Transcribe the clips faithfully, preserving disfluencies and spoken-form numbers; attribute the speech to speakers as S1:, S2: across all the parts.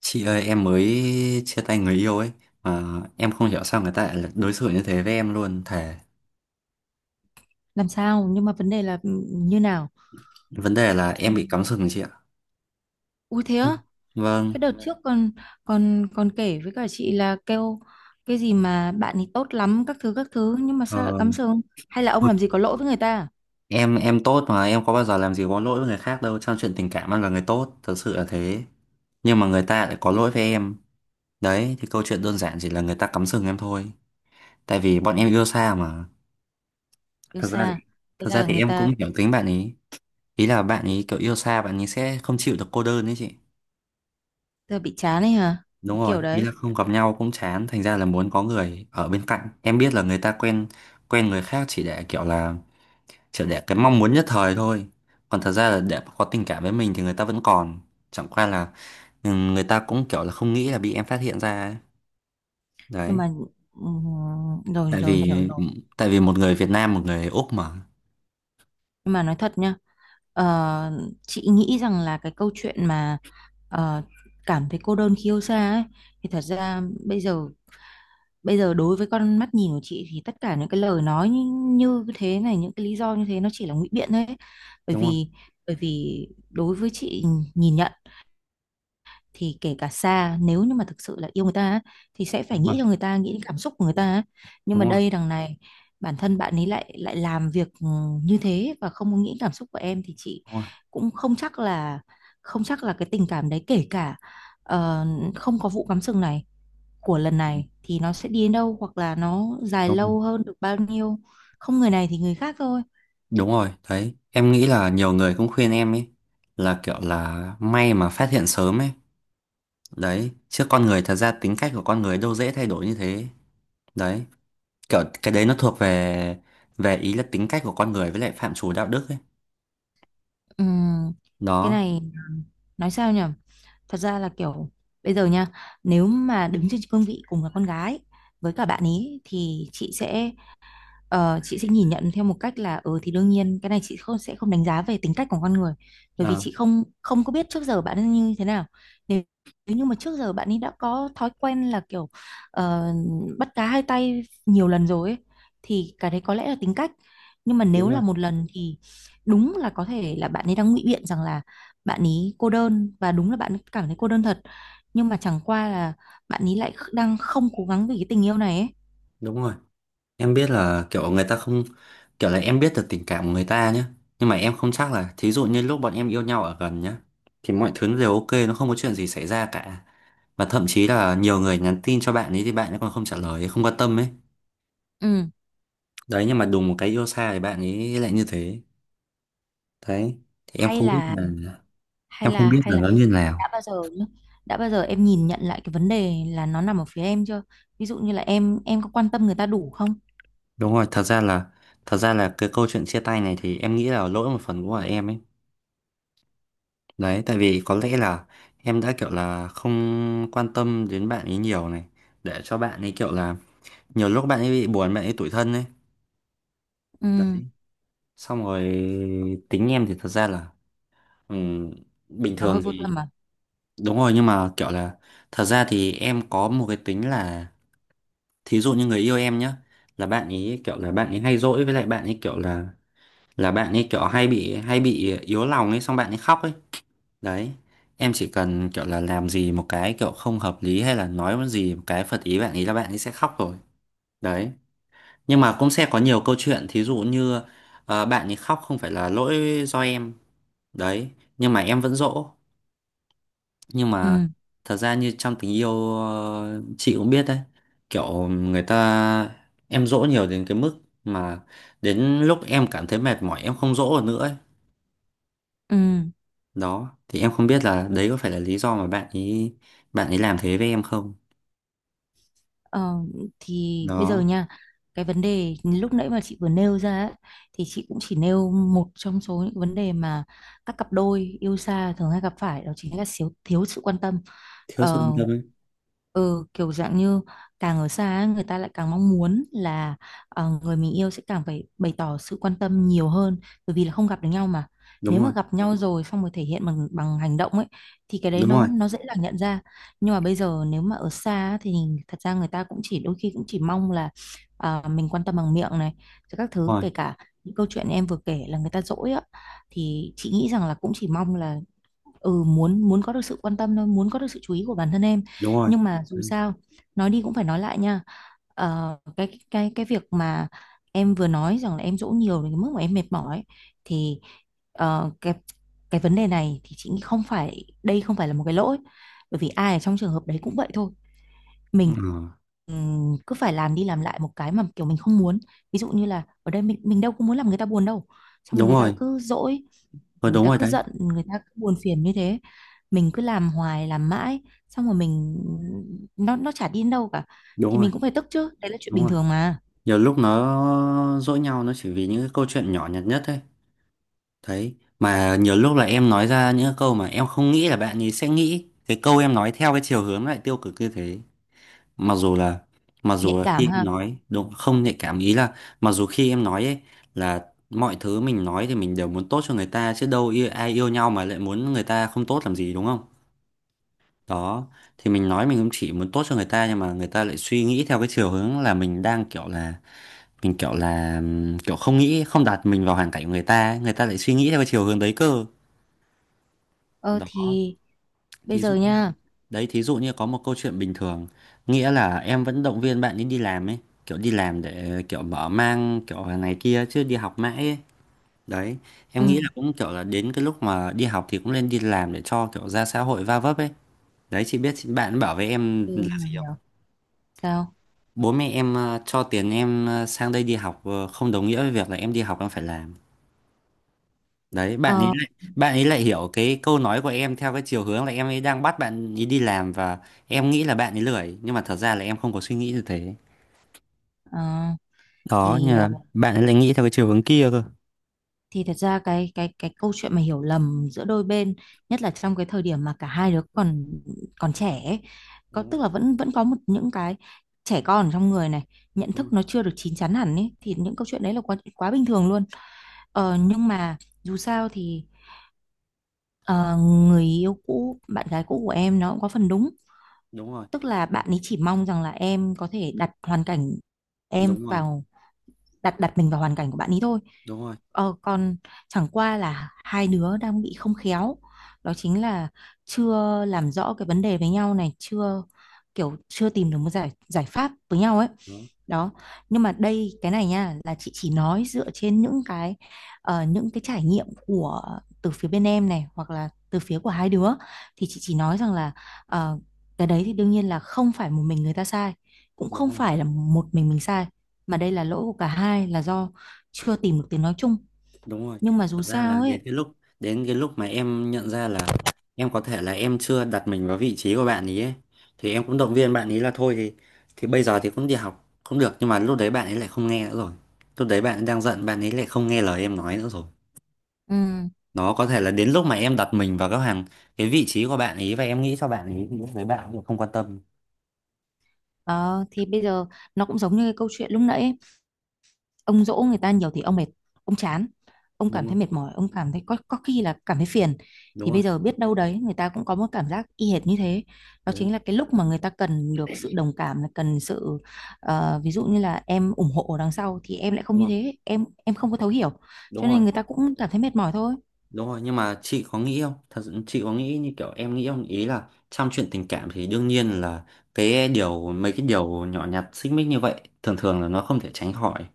S1: Chị ơi, em mới chia tay người yêu ấy mà em không hiểu sao người ta lại là đối xử như thế với em luôn thề.
S2: Làm sao? Nhưng mà vấn đề là ừ, như nào?
S1: Vấn đề là
S2: Ừ.
S1: em bị cắm sừng chị ạ.
S2: Ui thế á, cái
S1: Vâng.
S2: đợt trước còn còn còn kể với cả chị là kêu cái gì mà bạn ấy tốt lắm các thứ các thứ, nhưng mà
S1: ờ,
S2: sao lại cắm sừng? Hay là ông làm gì có lỗi với người ta? À?
S1: em em tốt mà em có bao giờ làm gì có lỗi với người khác đâu, trong chuyện tình cảm em là người tốt thật sự là thế. Nhưng mà người ta lại có lỗi với em. Đấy thì câu chuyện đơn giản chỉ là người ta cắm sừng em thôi, tại vì bọn em yêu xa mà.
S2: Yêu
S1: Thật ra thì
S2: xa, thế
S1: thật ra
S2: là
S1: thì
S2: người
S1: em
S2: ta,
S1: cũng hiểu tính bạn ấy. Ý là bạn ấy kiểu yêu xa, bạn ấy sẽ không chịu được cô đơn đấy chị.
S2: ta bị chán ấy hả?
S1: Đúng
S2: Cái
S1: rồi,
S2: kiểu
S1: ý
S2: đấy.
S1: là không gặp nhau cũng chán, thành ra là muốn có người ở bên cạnh. Em biết là người ta quen quen người khác chỉ để kiểu là chỉ để cái mong muốn nhất thời thôi. Còn thật ra là để có tình cảm với mình thì người ta vẫn còn. Chẳng qua là, ừ, người ta cũng kiểu là không nghĩ là bị em phát hiện ra ấy.
S2: Nhưng
S1: Đấy,
S2: mà ừm, rồi
S1: tại
S2: rồi hiểu
S1: vì, ừ,
S2: rồi.
S1: tại vì một người Việt Nam, một người Úc mà.
S2: Nhưng mà nói thật nhá, ờ, chị nghĩ rằng là cái câu chuyện mà ờ, cảm thấy cô đơn khi yêu xa ấy, thì thật ra bây giờ, bây giờ đối với con mắt nhìn của chị, thì tất cả những cái lời nói như, như thế này, những cái lý do như thế, nó chỉ là ngụy biện thôi ấy. bởi
S1: Đúng rồi,
S2: vì bởi vì đối với chị, nhìn nhận thì kể cả xa, nếu như mà thực sự là yêu người ta á, thì sẽ phải
S1: đúng rồi,
S2: nghĩ cho người ta, nghĩ đến cảm xúc của người ta á. Nhưng
S1: đúng
S2: mà
S1: rồi,
S2: đây đằng này, bản thân bạn ấy lại lại làm việc ừ, như thế và không có nghĩ cảm xúc của em, thì chị
S1: đúng rồi.
S2: cũng không chắc là không chắc là cái tình cảm đấy, kể cả ờ, không có vụ cắm sừng này của lần
S1: Ừ,
S2: này, thì nó sẽ đi đến đâu hoặc là nó dài
S1: đúng, rồi.
S2: lâu hơn được bao nhiêu. Không người này thì người khác thôi.
S1: Đúng rồi, đấy. Em nghĩ là nhiều người cũng khuyên em ấy là kiểu là may mà phát hiện sớm ấy, đấy chứ con người thật ra tính cách của con người đâu dễ thay đổi như thế. Đấy, kiểu cái đấy nó thuộc về về ý là tính cách của con người với lại phạm trù đạo đức ấy.
S2: Ừm, cái
S1: Đó.
S2: này à, nói sao nhỉ, thật ra là kiểu bây giờ nha, nếu mà đứng trên cương vị cùng là con gái với cả bạn ý, thì chị sẽ, ờ, chị sẽ nhìn nhận theo một cách là ừ thì đương nhiên cái này chị không, sẽ không đánh giá về tính cách của con người, bởi vì
S1: Ờ,
S2: chị không không có biết trước giờ bạn ấy như thế nào. nếu, Nếu như mà trước giờ bạn ấy đã có thói quen là kiểu ờ, bắt cá hai tay nhiều lần rồi ấy, thì cái đấy có lẽ là tính cách. Nhưng mà
S1: đúng
S2: nếu
S1: rồi,
S2: là một lần thì đúng là có thể là bạn ấy đang ngụy biện rằng là bạn ấy cô đơn, và đúng là bạn ấy cảm thấy cô đơn thật, nhưng mà chẳng qua là bạn ấy lại kh- đang không cố gắng vì cái tình yêu này ấy.
S1: đúng rồi. Em biết là kiểu người ta không, kiểu là em biết được tình cảm của người ta nhé, nhưng mà em không chắc là thí dụ như lúc bọn em yêu nhau ở gần nhá thì mọi thứ nó đều ok, nó không có chuyện gì xảy ra cả, và thậm chí là nhiều người nhắn tin cho bạn ấy thì bạn ấy còn không trả lời không quan tâm ấy.
S2: Ừ,
S1: Đấy, nhưng mà đùng một cái yêu xa thì bạn ấy lại như thế. Đấy thì em
S2: hay
S1: không biết
S2: là
S1: là
S2: hay
S1: em không
S2: là
S1: biết
S2: hay
S1: là
S2: là
S1: nó như
S2: đã
S1: nào.
S2: bao giờ nhá, đã bao giờ em nhìn nhận lại cái vấn đề là nó nằm ở phía em chưa? Ví dụ như là em em có quan tâm người ta đủ không?
S1: Đúng rồi thật ra là thật ra là cái câu chuyện chia tay này thì em nghĩ là lỗi một phần của em ấy. Đấy tại vì có lẽ là em đã kiểu là không quan tâm đến bạn ấy nhiều này, để cho bạn ấy kiểu là nhiều lúc bạn ấy bị buồn, bạn ấy tủi thân ấy.
S2: Ừ.
S1: Đấy, xong rồi tính em thì thật ra là, ừm, bình
S2: Nó hơi
S1: thường
S2: vô
S1: thì.
S2: tâm à?
S1: Đúng rồi, nhưng mà kiểu là thật ra thì em có một cái tính là thí dụ như người yêu em nhá, là bạn ấy kiểu là bạn ấy hay dỗi, với lại bạn ấy kiểu là là bạn ấy kiểu hay bị hay bị yếu lòng ấy, xong bạn ấy khóc ấy. Đấy, em chỉ cần kiểu là làm gì một cái kiểu không hợp lý hay là nói một gì một cái phật ý bạn ấy là bạn ấy sẽ khóc rồi. Đấy, nhưng mà cũng sẽ có nhiều câu chuyện thí dụ như, ờ, bạn ấy khóc không phải là lỗi do em. Đấy nhưng mà em vẫn dỗ. Nhưng mà
S2: Ừ.
S1: thật ra như trong tình yêu, ờ, chị cũng biết đấy, kiểu người ta, em dỗ nhiều đến cái mức mà đến lúc em cảm thấy mệt mỏi em không dỗ được nữa ấy.
S2: Ừ.
S1: Đó thì em không biết là đấy có phải là lý do mà bạn ấy bạn ấy làm thế với em không.
S2: ờ, thì bây giờ
S1: Đó.
S2: nha, cái vấn đề lúc nãy mà chị vừa nêu ra ấy, thì chị cũng chỉ nêu một trong số những vấn đề mà các cặp đôi yêu xa thường hay gặp phải, đó chính là thiếu thiếu sự quan tâm.
S1: Thiếu sự quan
S2: Ờ,
S1: tâm ấy.
S2: ừ, kiểu dạng như càng ở xa ấy, người ta lại càng mong muốn là ờ, người mình yêu sẽ càng phải bày tỏ sự quan tâm nhiều hơn, bởi vì là không gặp được nhau mà. Nếu
S1: Đúng
S2: mà
S1: rồi,
S2: gặp nhau rồi xong rồi thể hiện bằng bằng hành động ấy, thì cái đấy
S1: đúng
S2: nó
S1: rồi,
S2: nó dễ dàng nhận ra. Nhưng mà bây giờ nếu mà ở xa á, thì thật ra người ta cũng chỉ, đôi khi cũng chỉ mong là ờ, mình quan tâm bằng miệng này, rồi các thứ,
S1: đúng rồi,
S2: kể cả những câu chuyện em vừa kể là người ta dỗi á, thì chị nghĩ rằng là cũng chỉ mong là ừ, muốn muốn có được sự quan tâm thôi, muốn có được sự chú ý của bản thân em.
S1: đúng rồi.
S2: Nhưng mà dù
S1: Đấy.
S2: sao nói đi cũng phải nói lại nha. Ờ, cái cái cái việc mà em vừa nói rằng là em dỗ nhiều đến cái mức mà em mệt mỏi ấy, thì ờ, cái cái vấn đề này thì chị nghĩ không phải, đây không phải là một cái lỗi, bởi vì ai ở trong trường hợp đấy cũng vậy thôi. Mình
S1: Ừ.
S2: ừm, cứ phải làm đi làm lại một cái mà kiểu mình không muốn. Ví dụ như là ở đây mình mình đâu có muốn làm người ta buồn đâu, xong rồi
S1: Đúng
S2: người ta
S1: rồi.
S2: cứ dỗi,
S1: Ờ
S2: người
S1: đúng
S2: ta
S1: rồi
S2: cứ
S1: đấy.
S2: giận, người ta cứ buồn phiền như thế, mình cứ làm hoài làm mãi, xong rồi mình, nó nó chả đi đến đâu cả,
S1: Đúng
S2: thì
S1: rồi,
S2: mình cũng phải tức chứ, đấy là chuyện
S1: đúng
S2: bình
S1: rồi,
S2: thường mà.
S1: nhiều lúc nó dỗi nhau nó chỉ vì những cái câu chuyện nhỏ nhặt nhất ấy. Đấy mà nhiều lúc là em nói ra những cái câu mà em không nghĩ là bạn ấy sẽ nghĩ cái câu em nói theo cái chiều hướng lại tiêu cực như thế. Mặc dù là mặc dù
S2: Nhạy
S1: là khi
S2: cảm
S1: em
S2: ha.
S1: nói đúng không nhạy cảm ý là mặc dù khi em nói ấy, là mọi thứ mình nói thì mình đều muốn tốt cho người ta chứ đâu yêu, ai yêu nhau mà lại muốn người ta không tốt làm gì đúng không. Đó thì mình nói mình cũng chỉ muốn tốt cho người ta, nhưng mà người ta lại suy nghĩ theo cái chiều hướng là mình đang kiểu là mình kiểu là, ừm, kiểu không nghĩ không đặt mình vào hoàn cảnh của người ta ấy. Người ta lại suy nghĩ theo cái chiều hướng đấy cơ.
S2: Ờ
S1: Đó.
S2: thì bây
S1: Thí dụ
S2: giờ
S1: như,
S2: nha.
S1: đấy, thí dụ như có một câu chuyện bình thường, nghĩa là em vẫn động viên bạn ấy đi làm ấy, kiểu đi làm để kiểu mở mang kiểu này kia chứ đi học mãi ấy. Đấy, em nghĩ
S2: Ừ,
S1: là cũng kiểu là đến cái lúc mà đi học thì cũng nên đi làm để cho kiểu ra xã hội va vấp ấy. Đấy, chị biết chị- bạn bảo với em
S2: ừ,
S1: là
S2: hiểu
S1: gì không?
S2: hiểu. Sao?
S1: Bố mẹ em, ờ, cho tiền em, ờ, sang đây đi học, ờ, không đồng nghĩa với việc là em đi học em phải làm. Đấy bạn ấy
S2: Ờ.
S1: lại bạn ấy lại hiểu cái câu nói của em theo cái chiều hướng là em ấy đang bắt bạn ấy đi làm và em nghĩ là bạn ấy lười, nhưng mà thật ra là em không có suy nghĩ như thế.
S2: ờ,
S1: Đó,
S2: thì
S1: như là
S2: ờ,
S1: bạn ấy lại nghĩ theo cái chiều hướng kia cơ.
S2: thì thật ra cái cái cái câu chuyện mà hiểu lầm giữa đôi bên, nhất là trong cái thời điểm mà cả hai đứa còn còn trẻ ấy, có
S1: Đúng rồi,
S2: tức là vẫn vẫn có một những cái trẻ con ở trong người này, nhận thức nó chưa được chín chắn hẳn ấy, thì những câu chuyện đấy là quá quá bình thường luôn. Ờ, nhưng mà dù sao thì ờ, người yêu cũ bạn gái cũ của em nó cũng có phần đúng,
S1: đúng rồi,
S2: tức là bạn ấy chỉ mong rằng là em có thể đặt hoàn cảnh
S1: đúng
S2: em
S1: rồi, đúng rồi,
S2: vào, đặt đặt mình vào hoàn cảnh của bạn ấy thôi.
S1: đúng rồi,
S2: Ờ, còn chẳng qua là hai đứa đang bị không khéo, đó chính là chưa làm rõ cái vấn đề với nhau này, chưa kiểu chưa tìm được một giải giải pháp với nhau ấy.
S1: đúng,
S2: Đó. Nhưng mà đây cái này nha, là chị chỉ nói dựa trên những cái ờ, những cái trải nghiệm của từ phía bên em này, hoặc là từ phía của hai đứa, thì chị chỉ nói rằng là ờ, cái đấy thì đương nhiên là không phải một mình người ta sai, cũng không
S1: đúng rồi.
S2: phải là một mình mình sai, mà đây là lỗi của cả hai, là do chưa tìm được tiếng nói chung.
S1: Đúng rồi.
S2: Nhưng mà dù
S1: Thật ra là
S2: sao
S1: đến
S2: ấy,
S1: cái lúc đến cái lúc mà em nhận ra là em có thể là em chưa đặt mình vào vị trí của bạn ấy, ấy, thì em cũng động viên bạn ấy là thôi thì thì bây giờ thì cũng đi học cũng được, nhưng mà lúc đấy bạn ấy lại không nghe nữa rồi. Lúc đấy bạn ấy đang giận, bạn ấy lại không nghe lời em nói nữa rồi.
S2: ừ,
S1: Nó có thể là đến lúc mà em đặt mình vào cái hàng cái vị trí của bạn ấy và em nghĩ cho bạn ấy thì lúc đấy bạn ấy cũng không quan tâm.
S2: đó, thì bây giờ nó cũng giống như cái câu chuyện lúc nãy ấy. Ông dỗ người ta nhiều thì ông mệt, ông chán, ông
S1: Đúng
S2: cảm thấy
S1: không?
S2: mệt mỏi, ông cảm thấy có có khi là cảm thấy phiền.
S1: Đúng
S2: Thì
S1: rồi.
S2: bây giờ biết đâu đấy người ta cũng có một cảm giác y hệt như thế, đó
S1: Đúng rồi.
S2: chính là cái lúc mà người ta cần được sự đồng cảm, là cần sự ờ, ví dụ như là em ủng hộ ở đằng sau, thì em lại không
S1: Đúng
S2: như
S1: rồi.
S2: thế, em em không có thấu hiểu,
S1: Đúng
S2: cho
S1: rồi.
S2: nên người ta cũng cảm thấy mệt mỏi thôi.
S1: Đúng rồi, nhưng mà chị có nghĩ không? Thật sự chị có nghĩ như kiểu em nghĩ không? Ý là trong chuyện tình cảm thì đương nhiên là cái điều, mấy cái điều nhỏ nhặt xích mích như vậy thường thường là nó không thể tránh khỏi.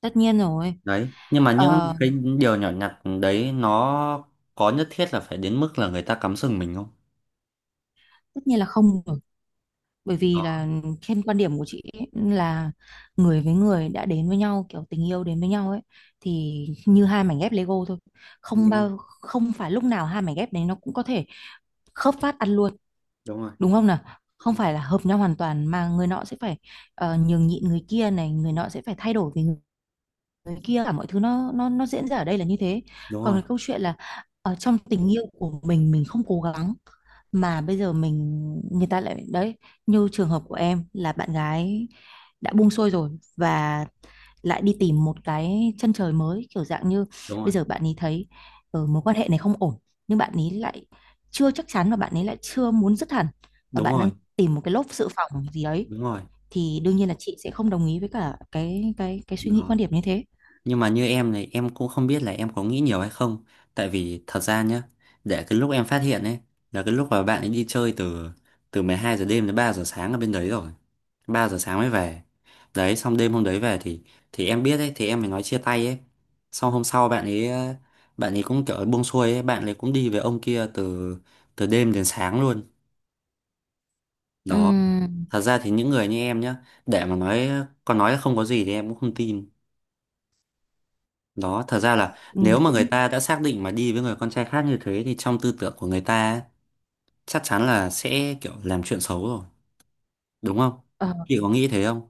S2: Tất nhiên rồi.
S1: Đấy, nhưng mà những
S2: Ờ,
S1: cái điều nhỏ nhặt đấy nó có nhất thiết là phải đến mức là người ta cắm sừng mình không?
S2: tất nhiên là không rồi, bởi vì
S1: Đó,
S2: là trên quan điểm của chị ấy, là người với người đã đến với nhau kiểu tình yêu đến với nhau ấy, thì như hai mảnh ghép Lego thôi. Không
S1: đúng rồi,
S2: bao không phải lúc nào hai mảnh ghép đấy nó cũng có thể khớp phát ăn luôn,
S1: đúng rồi,
S2: đúng không nào? Không phải là hợp nhau hoàn toàn mà người nọ sẽ phải ờ, nhường nhịn người kia này, người nọ sẽ phải thay đổi vì người kia, cả mọi thứ, nó nó nó diễn ra ở đây là như thế.
S1: đúng
S2: Còn
S1: rồi,
S2: cái câu chuyện là ở trong tình yêu của mình mình không cố gắng mà bây giờ mình, người ta lại đấy, như trường hợp của em là bạn gái đã buông xuôi rồi, và lại đi tìm một cái chân trời mới, kiểu dạng như
S1: đúng rồi,
S2: bây giờ bạn ấy thấy ờ, mối quan hệ này không ổn, nhưng bạn ấy lại chưa chắc chắn và bạn ấy lại chưa muốn dứt hẳn, và
S1: đúng
S2: bạn
S1: rồi,
S2: đang tìm một cái lốp dự phòng gì đấy,
S1: đúng rồi.
S2: thì đương nhiên là chị sẽ không đồng ý với cả cái cái cái suy nghĩ quan
S1: Đó.
S2: điểm như thế.
S1: Nhưng mà như em này, em cũng không biết là em có nghĩ nhiều hay không. Tại vì thật ra nhá, để cái lúc em phát hiện ấy, là cái lúc mà bạn ấy đi chơi từ, từ mười hai giờ đêm đến ba giờ sáng ở bên đấy rồi, ba giờ sáng mới về. Đấy xong đêm hôm đấy về thì Thì em biết ấy thì em mới nói chia tay ấy. Xong hôm sau bạn ấy, ờ, bạn ấy cũng kiểu buông xuôi ấy, bạn ấy cũng đi với ông kia từ, từ đêm đến sáng luôn. Đó.
S2: Ừm,
S1: Thật ra thì những người như em nhá, để mà nói, còn nói là không có gì thì em cũng không tin. Đó, thật ra là
S2: ừm,
S1: nếu mà người
S2: cũng
S1: ta đã xác định mà đi với người con trai khác như thế thì trong tư tưởng của người ta ấy, chắc chắn là sẽ kiểu làm chuyện xấu rồi, đúng không?
S2: ờ,
S1: Chị có nghĩ thế không?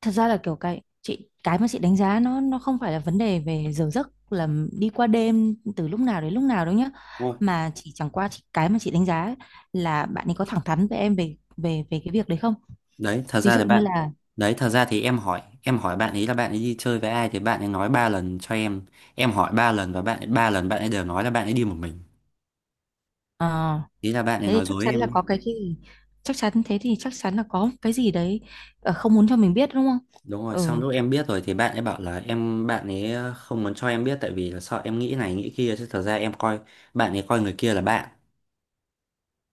S2: thật ra là kiểu cái chị cái mà chị đánh giá nó nó không phải là vấn đề về giờ giấc, là đi qua đêm từ lúc nào đến lúc nào đâu nhá,
S1: Đúng rồi.
S2: mà chỉ chẳng qua chị cái mà chị đánh giá ấy, là bạn ấy có thẳng thắn với em về về về cái việc đấy không.
S1: Đấy, thật
S2: Ví
S1: ra
S2: dụ
S1: thì
S2: như
S1: bạn,
S2: là
S1: đấy, thật ra thì em hỏi, em hỏi bạn ấy là bạn ấy đi chơi với ai thì bạn ấy nói ba lần cho em. Em hỏi ba lần và bạn ấy ba lần bạn ấy đều nói là bạn ấy đi một mình.
S2: ờ,
S1: Ý là bạn ấy
S2: thế thì
S1: nói
S2: chắc
S1: dối
S2: chắn
S1: em
S2: là
S1: ấy.
S2: có cái gì, chắc chắn thế thì chắc chắn là có cái gì đấy ờ, không muốn cho mình biết, đúng không?
S1: Đúng rồi, xong
S2: Ừ.
S1: lúc em biết rồi thì bạn ấy bảo là em bạn ấy, ờ, không muốn cho em biết tại vì là sợ em nghĩ này nghĩ kia chứ thật ra em coi bạn ấy coi người kia là bạn.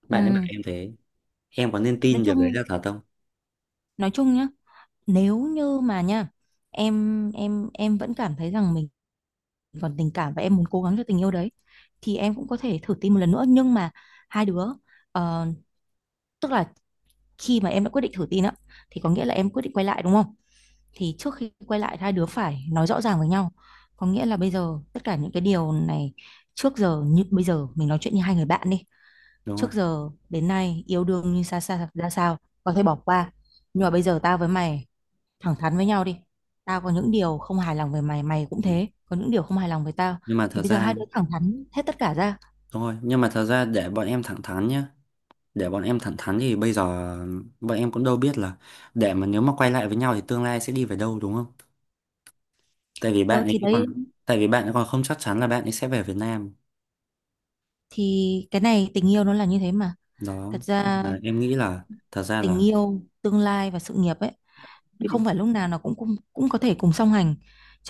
S1: Bạn ấy bảo
S2: Ừm,
S1: em thế. Em có nên
S2: nói
S1: tin điều đấy
S2: chung
S1: là thật không?
S2: nói chung nhá, nếu như mà nha, em em em vẫn cảm thấy rằng mình còn tình cảm và em muốn cố gắng cho tình yêu đấy, thì em cũng có thể thử tin một lần nữa. Nhưng mà hai đứa ờ, tức là khi mà em đã quyết định thử tin á, thì có nghĩa là em quyết định quay lại đúng không, thì trước khi quay lại hai đứa phải nói rõ ràng với nhau, có nghĩa là bây giờ tất cả những cái điều này trước giờ, như bây giờ mình nói chuyện như hai người bạn đi,
S1: Đúng rồi.
S2: trước giờ đến nay yêu đương như xa xa ra sao có thể bỏ qua, nhưng mà bây giờ tao với mày thẳng thắn với nhau đi, tao có những điều không hài lòng về mày, mày cũng
S1: Ừ.
S2: thế, có những điều không hài lòng về tao,
S1: Nhưng mà
S2: thì
S1: thật
S2: bây giờ
S1: ra,
S2: hai đứa thẳng thắn hết tất cả ra.
S1: thôi nhưng mà thật ra để bọn em thẳng thắn nhá, để bọn em thẳng thắn thì bây giờ bọn em cũng đâu biết là để mà nếu mà quay lại với nhau thì tương lai sẽ đi về đâu đúng không. tại vì bạn
S2: Ờ
S1: ấy
S2: thì đấy,
S1: còn tại vì bạn ấy còn không chắc chắn là bạn ấy sẽ về Việt Nam.
S2: thì cái này tình yêu nó là như thế mà,
S1: Đó.
S2: thật ra
S1: Và em nghĩ là thật ra
S2: tình
S1: là,
S2: yêu tương lai và sự nghiệp ấy không phải lúc nào nó cũng cũng, cũng có thể cùng song hành.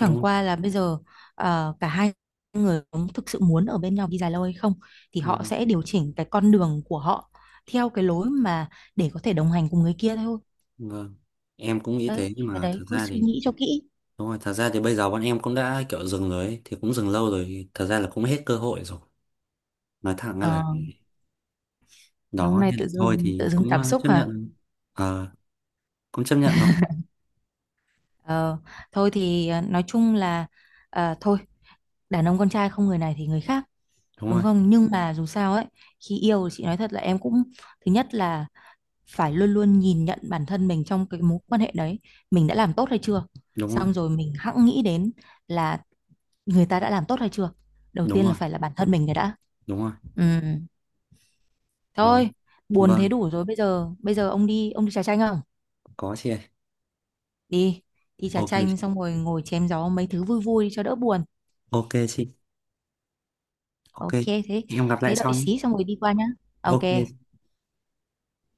S1: đúng không?
S2: qua là bây giờ ờ, cả hai người cũng thực sự muốn ở bên nhau đi dài lâu hay không, thì họ
S1: Vâng,
S2: sẽ điều chỉnh cái con đường của họ theo cái lối mà để có thể đồng hành cùng người kia thôi.
S1: vâng. Em cũng nghĩ
S2: Đấy
S1: thế nhưng
S2: thì cái
S1: mà
S2: đấy
S1: thật
S2: cứ
S1: ra
S2: suy
S1: thì
S2: nghĩ cho kỹ.
S1: đúng rồi, thật ra thì bây giờ bọn em cũng đã kiểu dừng rồi ấy, thì cũng dừng lâu rồi, thật ra là cũng hết cơ hội rồi. Nói thẳng ra là,
S2: Ờ. Ngày hôm
S1: đó,
S2: nay
S1: nên là
S2: tự
S1: thôi
S2: dưng tự
S1: thì
S2: dưng
S1: cũng,
S2: cảm
S1: ờ,
S2: xúc
S1: chấp
S2: hả?
S1: nhận. Ờ, cũng chấp nhận thôi.
S2: Ờ, thôi thì à, nói chung là à, thôi, đàn ông con trai không người này thì người khác,
S1: Đúng
S2: đúng
S1: rồi,
S2: không? Nhưng mà dù sao ấy, khi yêu thì chị nói thật là em cũng, thứ nhất là phải luôn luôn nhìn nhận bản thân mình trong cái mối quan hệ đấy, mình đã làm tốt hay chưa?
S1: đúng rồi,
S2: Xong rồi mình hẵng nghĩ đến là người ta đã làm tốt hay chưa? Đầu
S1: đúng
S2: tiên là
S1: rồi,
S2: phải là bản thân mình cái đã.
S1: đúng rồi.
S2: Ừ.
S1: Đó.
S2: Thôi, buồn
S1: Vâng,
S2: thế đủ rồi, bây giờ bây giờ ông đi, ông đi trà chanh không?
S1: có chị ơi.
S2: Đi, đi trà
S1: Ok
S2: chanh
S1: chị.
S2: xong rồi ngồi chém gió mấy thứ vui vui cho đỡ buồn.
S1: Ok chị. Ok.
S2: Ok. Thế,
S1: Em gặp lại
S2: thế đợi
S1: sau nhé.
S2: xí xong rồi đi qua nhá. Ok.
S1: Ok.